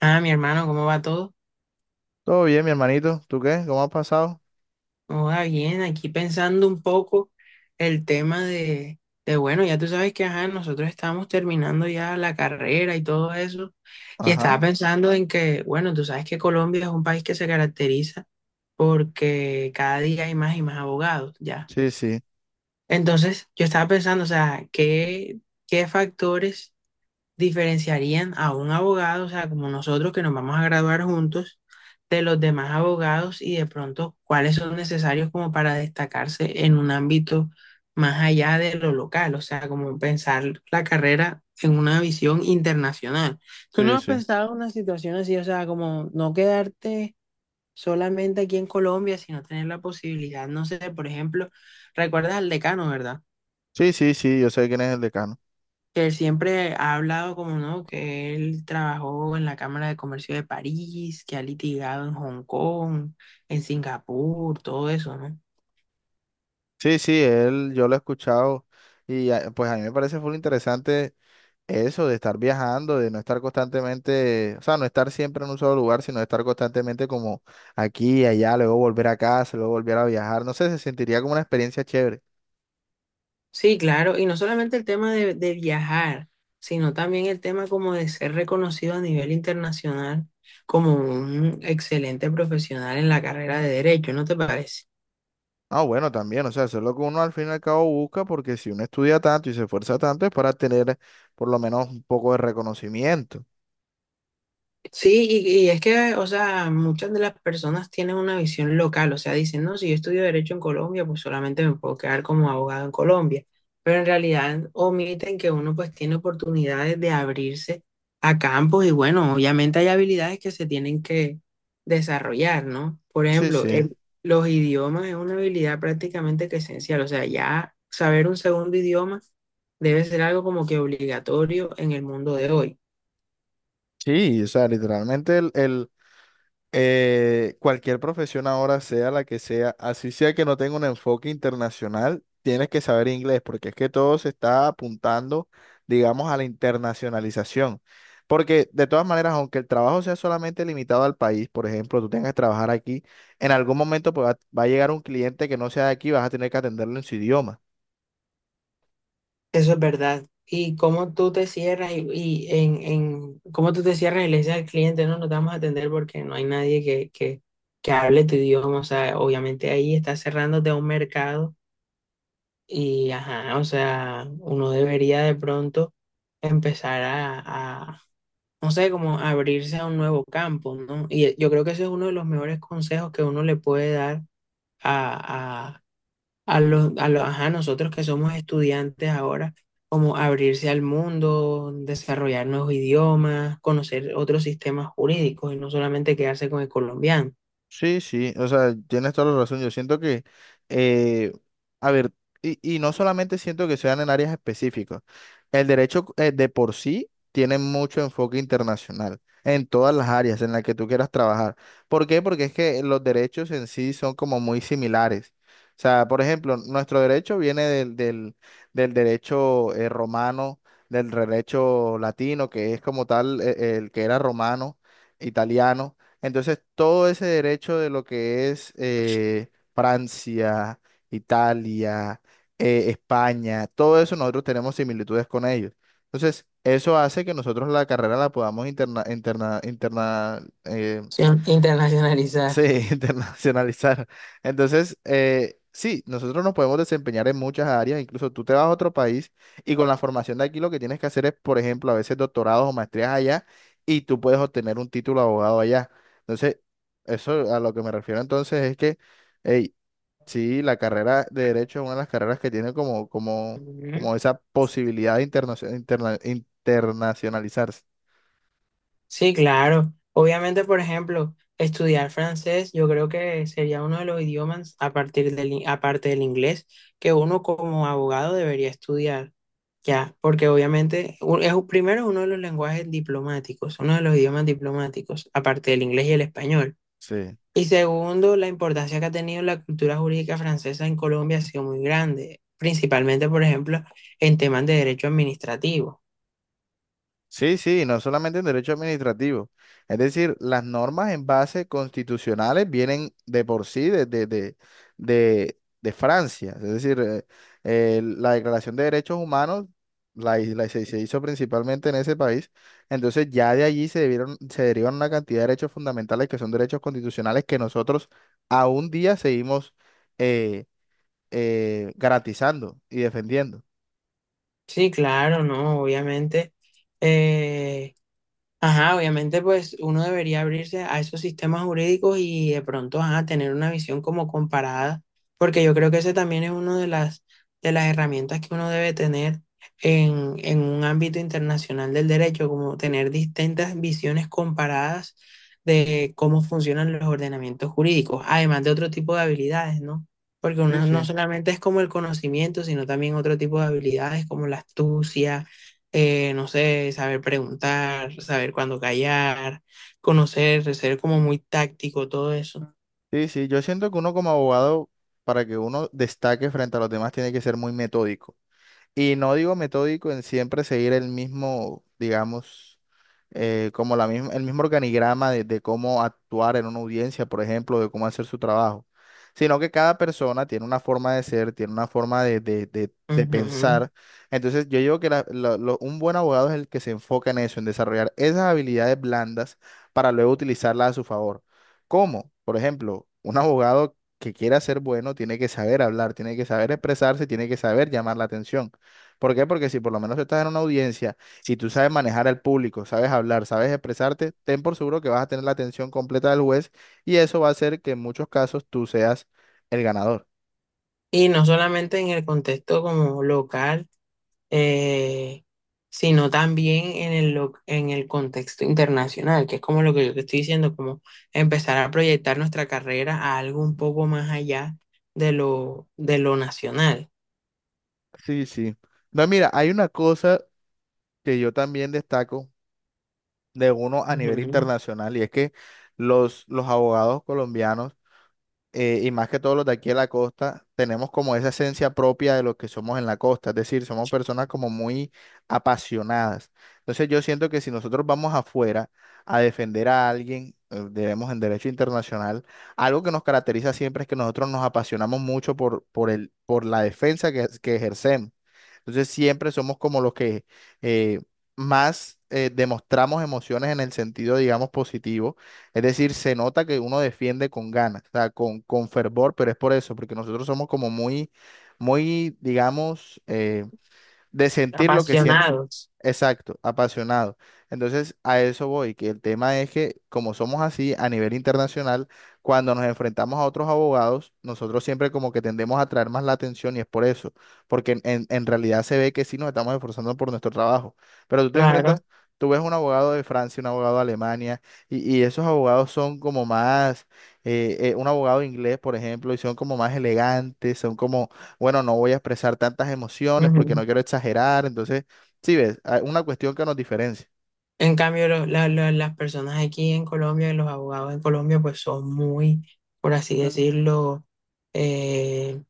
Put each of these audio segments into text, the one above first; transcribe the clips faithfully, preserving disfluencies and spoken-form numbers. Ah, mi hermano, ¿cómo va todo? Todo bien, mi hermanito. ¿Tú qué? ¿Cómo has pasado? ¿Cómo va bien? Aquí pensando un poco el tema de, de, bueno, ya tú sabes que, ajá, nosotros estamos terminando ya la carrera y todo eso. Y estaba Ajá. pensando en que, bueno, tú sabes que Colombia es un país que se caracteriza porque cada día hay más y más abogados, ya. Sí, sí. Entonces, yo estaba pensando, o sea, ¿qué, ¿qué factores diferenciarían a un abogado? O sea, como nosotros que nos vamos a graduar juntos, de los demás abogados y de pronto cuáles son necesarios como para destacarse en un ámbito más allá de lo local, o sea, como pensar la carrera en una visión internacional. ¿Tú no Sí, has sí. pensado una situación así? O sea, como no quedarte solamente aquí en Colombia, sino tener la posibilidad, no sé, por ejemplo, recuerdas al decano, ¿verdad? Sí, sí, sí. Yo sé quién es el decano. Que él siempre ha hablado como no, que él trabajó en la Cámara de Comercio de París, que ha litigado en Hong Kong, en Singapur, todo eso, ¿no? Sí, sí, él, yo lo he escuchado. Y ah, pues a mí me parece full interesante eso de estar viajando, de no estar constantemente, o sea, no estar siempre en un solo lugar, sino estar constantemente como aquí, allá, luego volver a casa, luego volver a viajar. No sé, se sentiría como una experiencia chévere. Sí, claro, y no solamente el tema de, de viajar, sino también el tema como de ser reconocido a nivel internacional como un excelente profesional en la carrera de derecho, ¿no te parece? Ah, bueno, también, o sea, eso es lo que uno al fin y al cabo busca, porque si uno estudia tanto y se esfuerza tanto es para tener por lo menos un poco de reconocimiento. Sí, y, y es que, o sea, muchas de las personas tienen una visión local, o sea, dicen, no, si yo estudio derecho en Colombia, pues solamente me puedo quedar como abogado en Colombia, pero en realidad omiten que uno pues tiene oportunidades de abrirse a campos y bueno, obviamente hay habilidades que se tienen que desarrollar, ¿no? Por Sí, ejemplo, sí. el- los idiomas es una habilidad prácticamente que esencial, o sea, ya saber un segundo idioma debe ser algo como que obligatorio en el mundo de hoy. Sí, o sea, literalmente el, el, eh, cualquier profesión ahora, sea la que sea, así sea que no tenga un enfoque internacional, tienes que saber inglés, porque es que todo se está apuntando, digamos, a la internacionalización. Porque de todas maneras, aunque el trabajo sea solamente limitado al país, por ejemplo, tú tengas que trabajar aquí, en algún momento pues, va, va a llegar un cliente que no sea de aquí, vas a tener que atenderlo en su idioma. Eso es verdad. Y cómo tú te cierras y, y en, en cómo tú te cierras y le dices al cliente, no, no te vamos a atender porque no hay nadie que, que, que hable tu idioma. O sea, obviamente ahí estás cerrándote a un mercado y, ajá, o sea, uno debería de pronto empezar a, a, no sé, como abrirse a un nuevo campo, ¿no? Y yo creo que ese es uno de los mejores consejos que uno le puede dar a, a los, a los, ajá, nosotros que somos estudiantes ahora, como abrirse al mundo, desarrollar nuevos idiomas, conocer otros sistemas jurídicos y no solamente quedarse con el colombiano, Sí, sí, o sea, tienes toda la razón. Yo siento que, eh, a ver, y, y no solamente siento que sean en áreas específicas. El derecho eh, de por sí tiene mucho enfoque internacional en todas las áreas en las que tú quieras trabajar. ¿Por qué? Porque es que los derechos en sí son como muy similares. O sea, por ejemplo, nuestro derecho viene del, del, del derecho eh, romano, del derecho latino, que es como tal eh, el que era romano, italiano. Entonces, todo ese derecho de lo que es eh, Francia, Italia, eh, España, todo eso nosotros tenemos similitudes con ellos. Entonces, eso hace que nosotros la carrera la podamos interna, interna, interna- eh, sino Sí, internacionalizar. internacionalizar. Entonces, eh, sí, nosotros nos podemos desempeñar en muchas áreas, incluso tú te vas a otro país y con la formación de aquí lo que tienes que hacer es, por ejemplo, a veces doctorados o maestrías allá y tú puedes obtener un título de abogado allá. Entonces, eso a lo que me refiero entonces es que, hey, sí, la carrera de derecho es una de las carreras que tiene como, como, como esa posibilidad de internacio- interna- internacionalizarse. Sí, claro. Obviamente, por ejemplo, estudiar francés, yo creo que sería uno de los idiomas a partir del, in- aparte del inglés que uno como abogado debería estudiar. Ya, porque obviamente u- es u- primero uno de los lenguajes diplomáticos, uno de los idiomas diplomáticos, aparte del inglés y el español. Sí. Y segundo, la importancia que ha tenido la cultura jurídica francesa en Colombia ha sido muy grande, principalmente, por ejemplo, en temas de derecho administrativo. Sí, sí, no solamente en derecho administrativo. Es decir, las normas en base constitucionales vienen de por sí de, de, de, de, de Francia. Es decir, eh, eh, la Declaración de Derechos Humanos la, hi- la se, se hizo principalmente en ese país. Entonces ya de allí se debieron, se derivan una cantidad de derechos fundamentales que son derechos constitucionales que nosotros a un día seguimos eh, eh, garantizando y defendiendo. Sí, claro, no, obviamente. eh, Ajá, obviamente pues uno debería abrirse a esos sistemas jurídicos y de pronto ajá, tener una visión como comparada, porque yo creo que ese también es uno de las, de las herramientas que uno debe tener en, en un ámbito internacional del derecho, como tener distintas visiones comparadas de cómo funcionan los ordenamientos jurídicos, además de otro tipo de habilidades, ¿no? Porque Sí, uno no sí. solamente es como el conocimiento, sino también otro tipo de habilidades como la astucia, eh, no sé, saber preguntar, saber cuándo callar, conocer, ser como muy táctico, todo eso. Sí, sí, yo siento que uno como abogado, para que uno destaque frente a los demás, tiene que ser muy metódico. Y no digo metódico en siempre seguir el mismo, digamos, eh, como la misma, el mismo organigrama de, de cómo actuar en una audiencia, por ejemplo, de cómo hacer su trabajo, sino que cada persona tiene una forma de ser, tiene una forma de, de- de- de Ujú. pensar. Entonces, yo digo que la- la- lo- un buen abogado es el que se enfoca en eso, en desarrollar esas habilidades blandas para luego utilizarlas a su favor. ¿Cómo? Por ejemplo, un abogado que quiera ser bueno tiene que saber hablar, tiene que saber expresarse, tiene que saber llamar la atención. ¿Por qué? Porque si por lo menos estás en una audiencia y tú sabes manejar al público, sabes hablar, sabes expresarte, ten por seguro que vas a tener la atención completa del juez y eso va a hacer que en muchos casos tú seas el ganador. Y no solamente en el contexto como local, eh, sino también en el, lo- en el contexto internacional, que es como lo que yo te estoy diciendo, como empezar a proyectar nuestra carrera a algo un poco más allá de lo, de lo nacional. Sí, sí. No, mira, hay una cosa que yo también destaco de uno a nivel Ujú. internacional y es que los, los abogados colombianos eh, y más que todos los de aquí de la costa, tenemos como esa esencia propia de lo que somos en la costa, es decir, somos personas como muy apasionadas. Entonces yo siento que si nosotros vamos afuera a defender a alguien, eh, debemos en derecho internacional, algo que nos caracteriza siempre es que nosotros nos apasionamos mucho por, por el, por la defensa que, que ejercemos. Entonces siempre somos como los que eh, más eh, demostramos emociones en el sentido, digamos, positivo, es decir, se nota que uno defiende con ganas, o sea, con, con fervor, pero es por eso, porque nosotros somos como muy, muy, digamos, eh, de sentir lo que siente. Apasionados, Exacto, apasionado. Entonces, a eso voy, que el tema es que como somos así a nivel internacional, cuando nos enfrentamos a otros abogados, nosotros siempre como que tendemos a atraer más la atención y es por eso, porque en, en- en realidad se ve que sí nos estamos esforzando por nuestro trabajo, pero tú te claro. enfrentas, tú ves un abogado de Francia, un abogado de Alemania, y, y esos abogados son como más, eh, eh, un abogado inglés, por ejemplo, y son como más elegantes, son como, bueno, no voy a expresar tantas emociones porque Ujú. no quiero exagerar, entonces sí, ves, hay una cuestión que nos diferencia. En cambio, lo- la- la- las personas aquí en Colombia, los abogados en Colombia, pues son muy, por así decirlo, eh,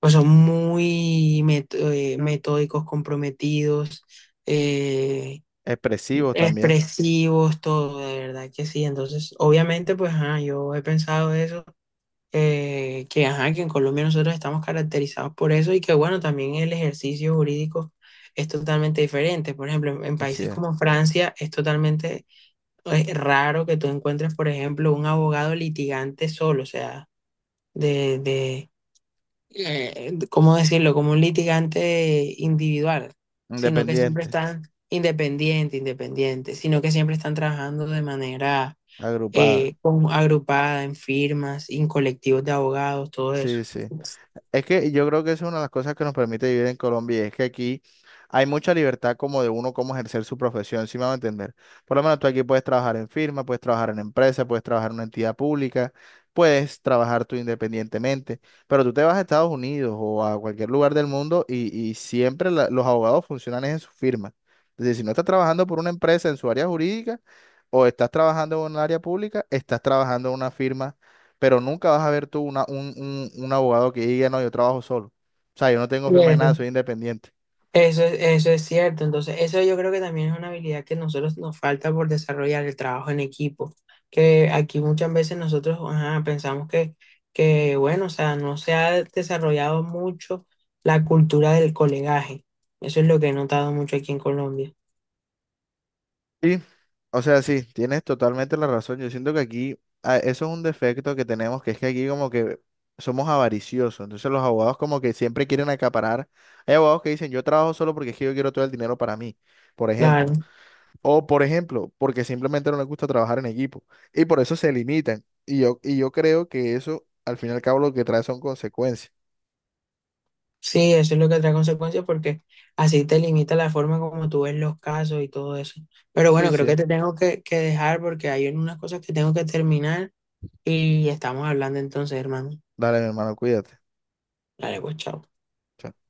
pues son muy met- eh, metódicos, comprometidos, eh, Expresivos también. expresivos, todo, de verdad que sí. Entonces, obviamente, pues ajá, yo he pensado eso, eh, que ajá, que en Colombia nosotros estamos caracterizados por eso y que bueno, también el ejercicio jurídico es totalmente diferente. Por ejemplo, en en Así países es. como Francia es totalmente, es raro que tú encuentres, por ejemplo, un abogado litigante solo, o sea, de, de, eh, ¿cómo decirlo? Como un litigante individual, sino que siempre Independiente. están independiente, independiente, sino que siempre están trabajando de manera Agrupada. eh, con- agrupada en firmas, en colectivos de abogados, todo eso. Sí, sí. Es que yo creo que esa es una de las cosas que nos permite vivir en Colombia y es que aquí hay mucha libertad como de uno cómo ejercer su profesión, si me van a entender. Por lo menos tú aquí puedes trabajar en firma, puedes trabajar en empresa, puedes trabajar en una entidad pública, puedes trabajar tú independientemente, pero tú te vas a Estados Unidos o a cualquier lugar del mundo y, y siempre la- los abogados funcionan es en su firma. Es decir, si no estás trabajando por una empresa en su área jurídica o estás trabajando en un área pública, estás trabajando en una firma, pero nunca vas a ver tú una, un, un- un abogado que diga, no, yo trabajo solo. O sea, yo no tengo Sí, firma de nada, soy independiente. eso es, eso es cierto. Entonces, eso yo creo que también es una habilidad que nosotros nos falta por desarrollar, el trabajo en equipo. Que aquí muchas veces nosotros ajá, pensamos que, que, bueno, o sea, no se ha desarrollado mucho la cultura del colegaje. Eso es lo que he notado mucho aquí en Colombia. Sí, o sea, sí, tienes totalmente la razón. Yo siento que aquí, ah, eso es un defecto que tenemos, que es que aquí como que somos avariciosos. Entonces los abogados como que siempre quieren acaparar. Hay abogados que dicen, yo trabajo solo porque es que yo quiero todo el dinero para mí, por ejemplo. Claro. O, por ejemplo, porque simplemente no les gusta trabajar en equipo. Y por eso se limitan. Y yo, y yo creo que eso, al fin y al cabo, lo que trae son consecuencias. Sí, eso es lo que trae consecuencias porque así te limita la forma como tú ves los casos y todo eso. Pero Sí, bueno, creo sí. que te tengo que, que dejar porque hay unas cosas que tengo que terminar y estamos hablando entonces, hermano. Dale, mi hermano, cuídate. Dale, pues, chao. Chao.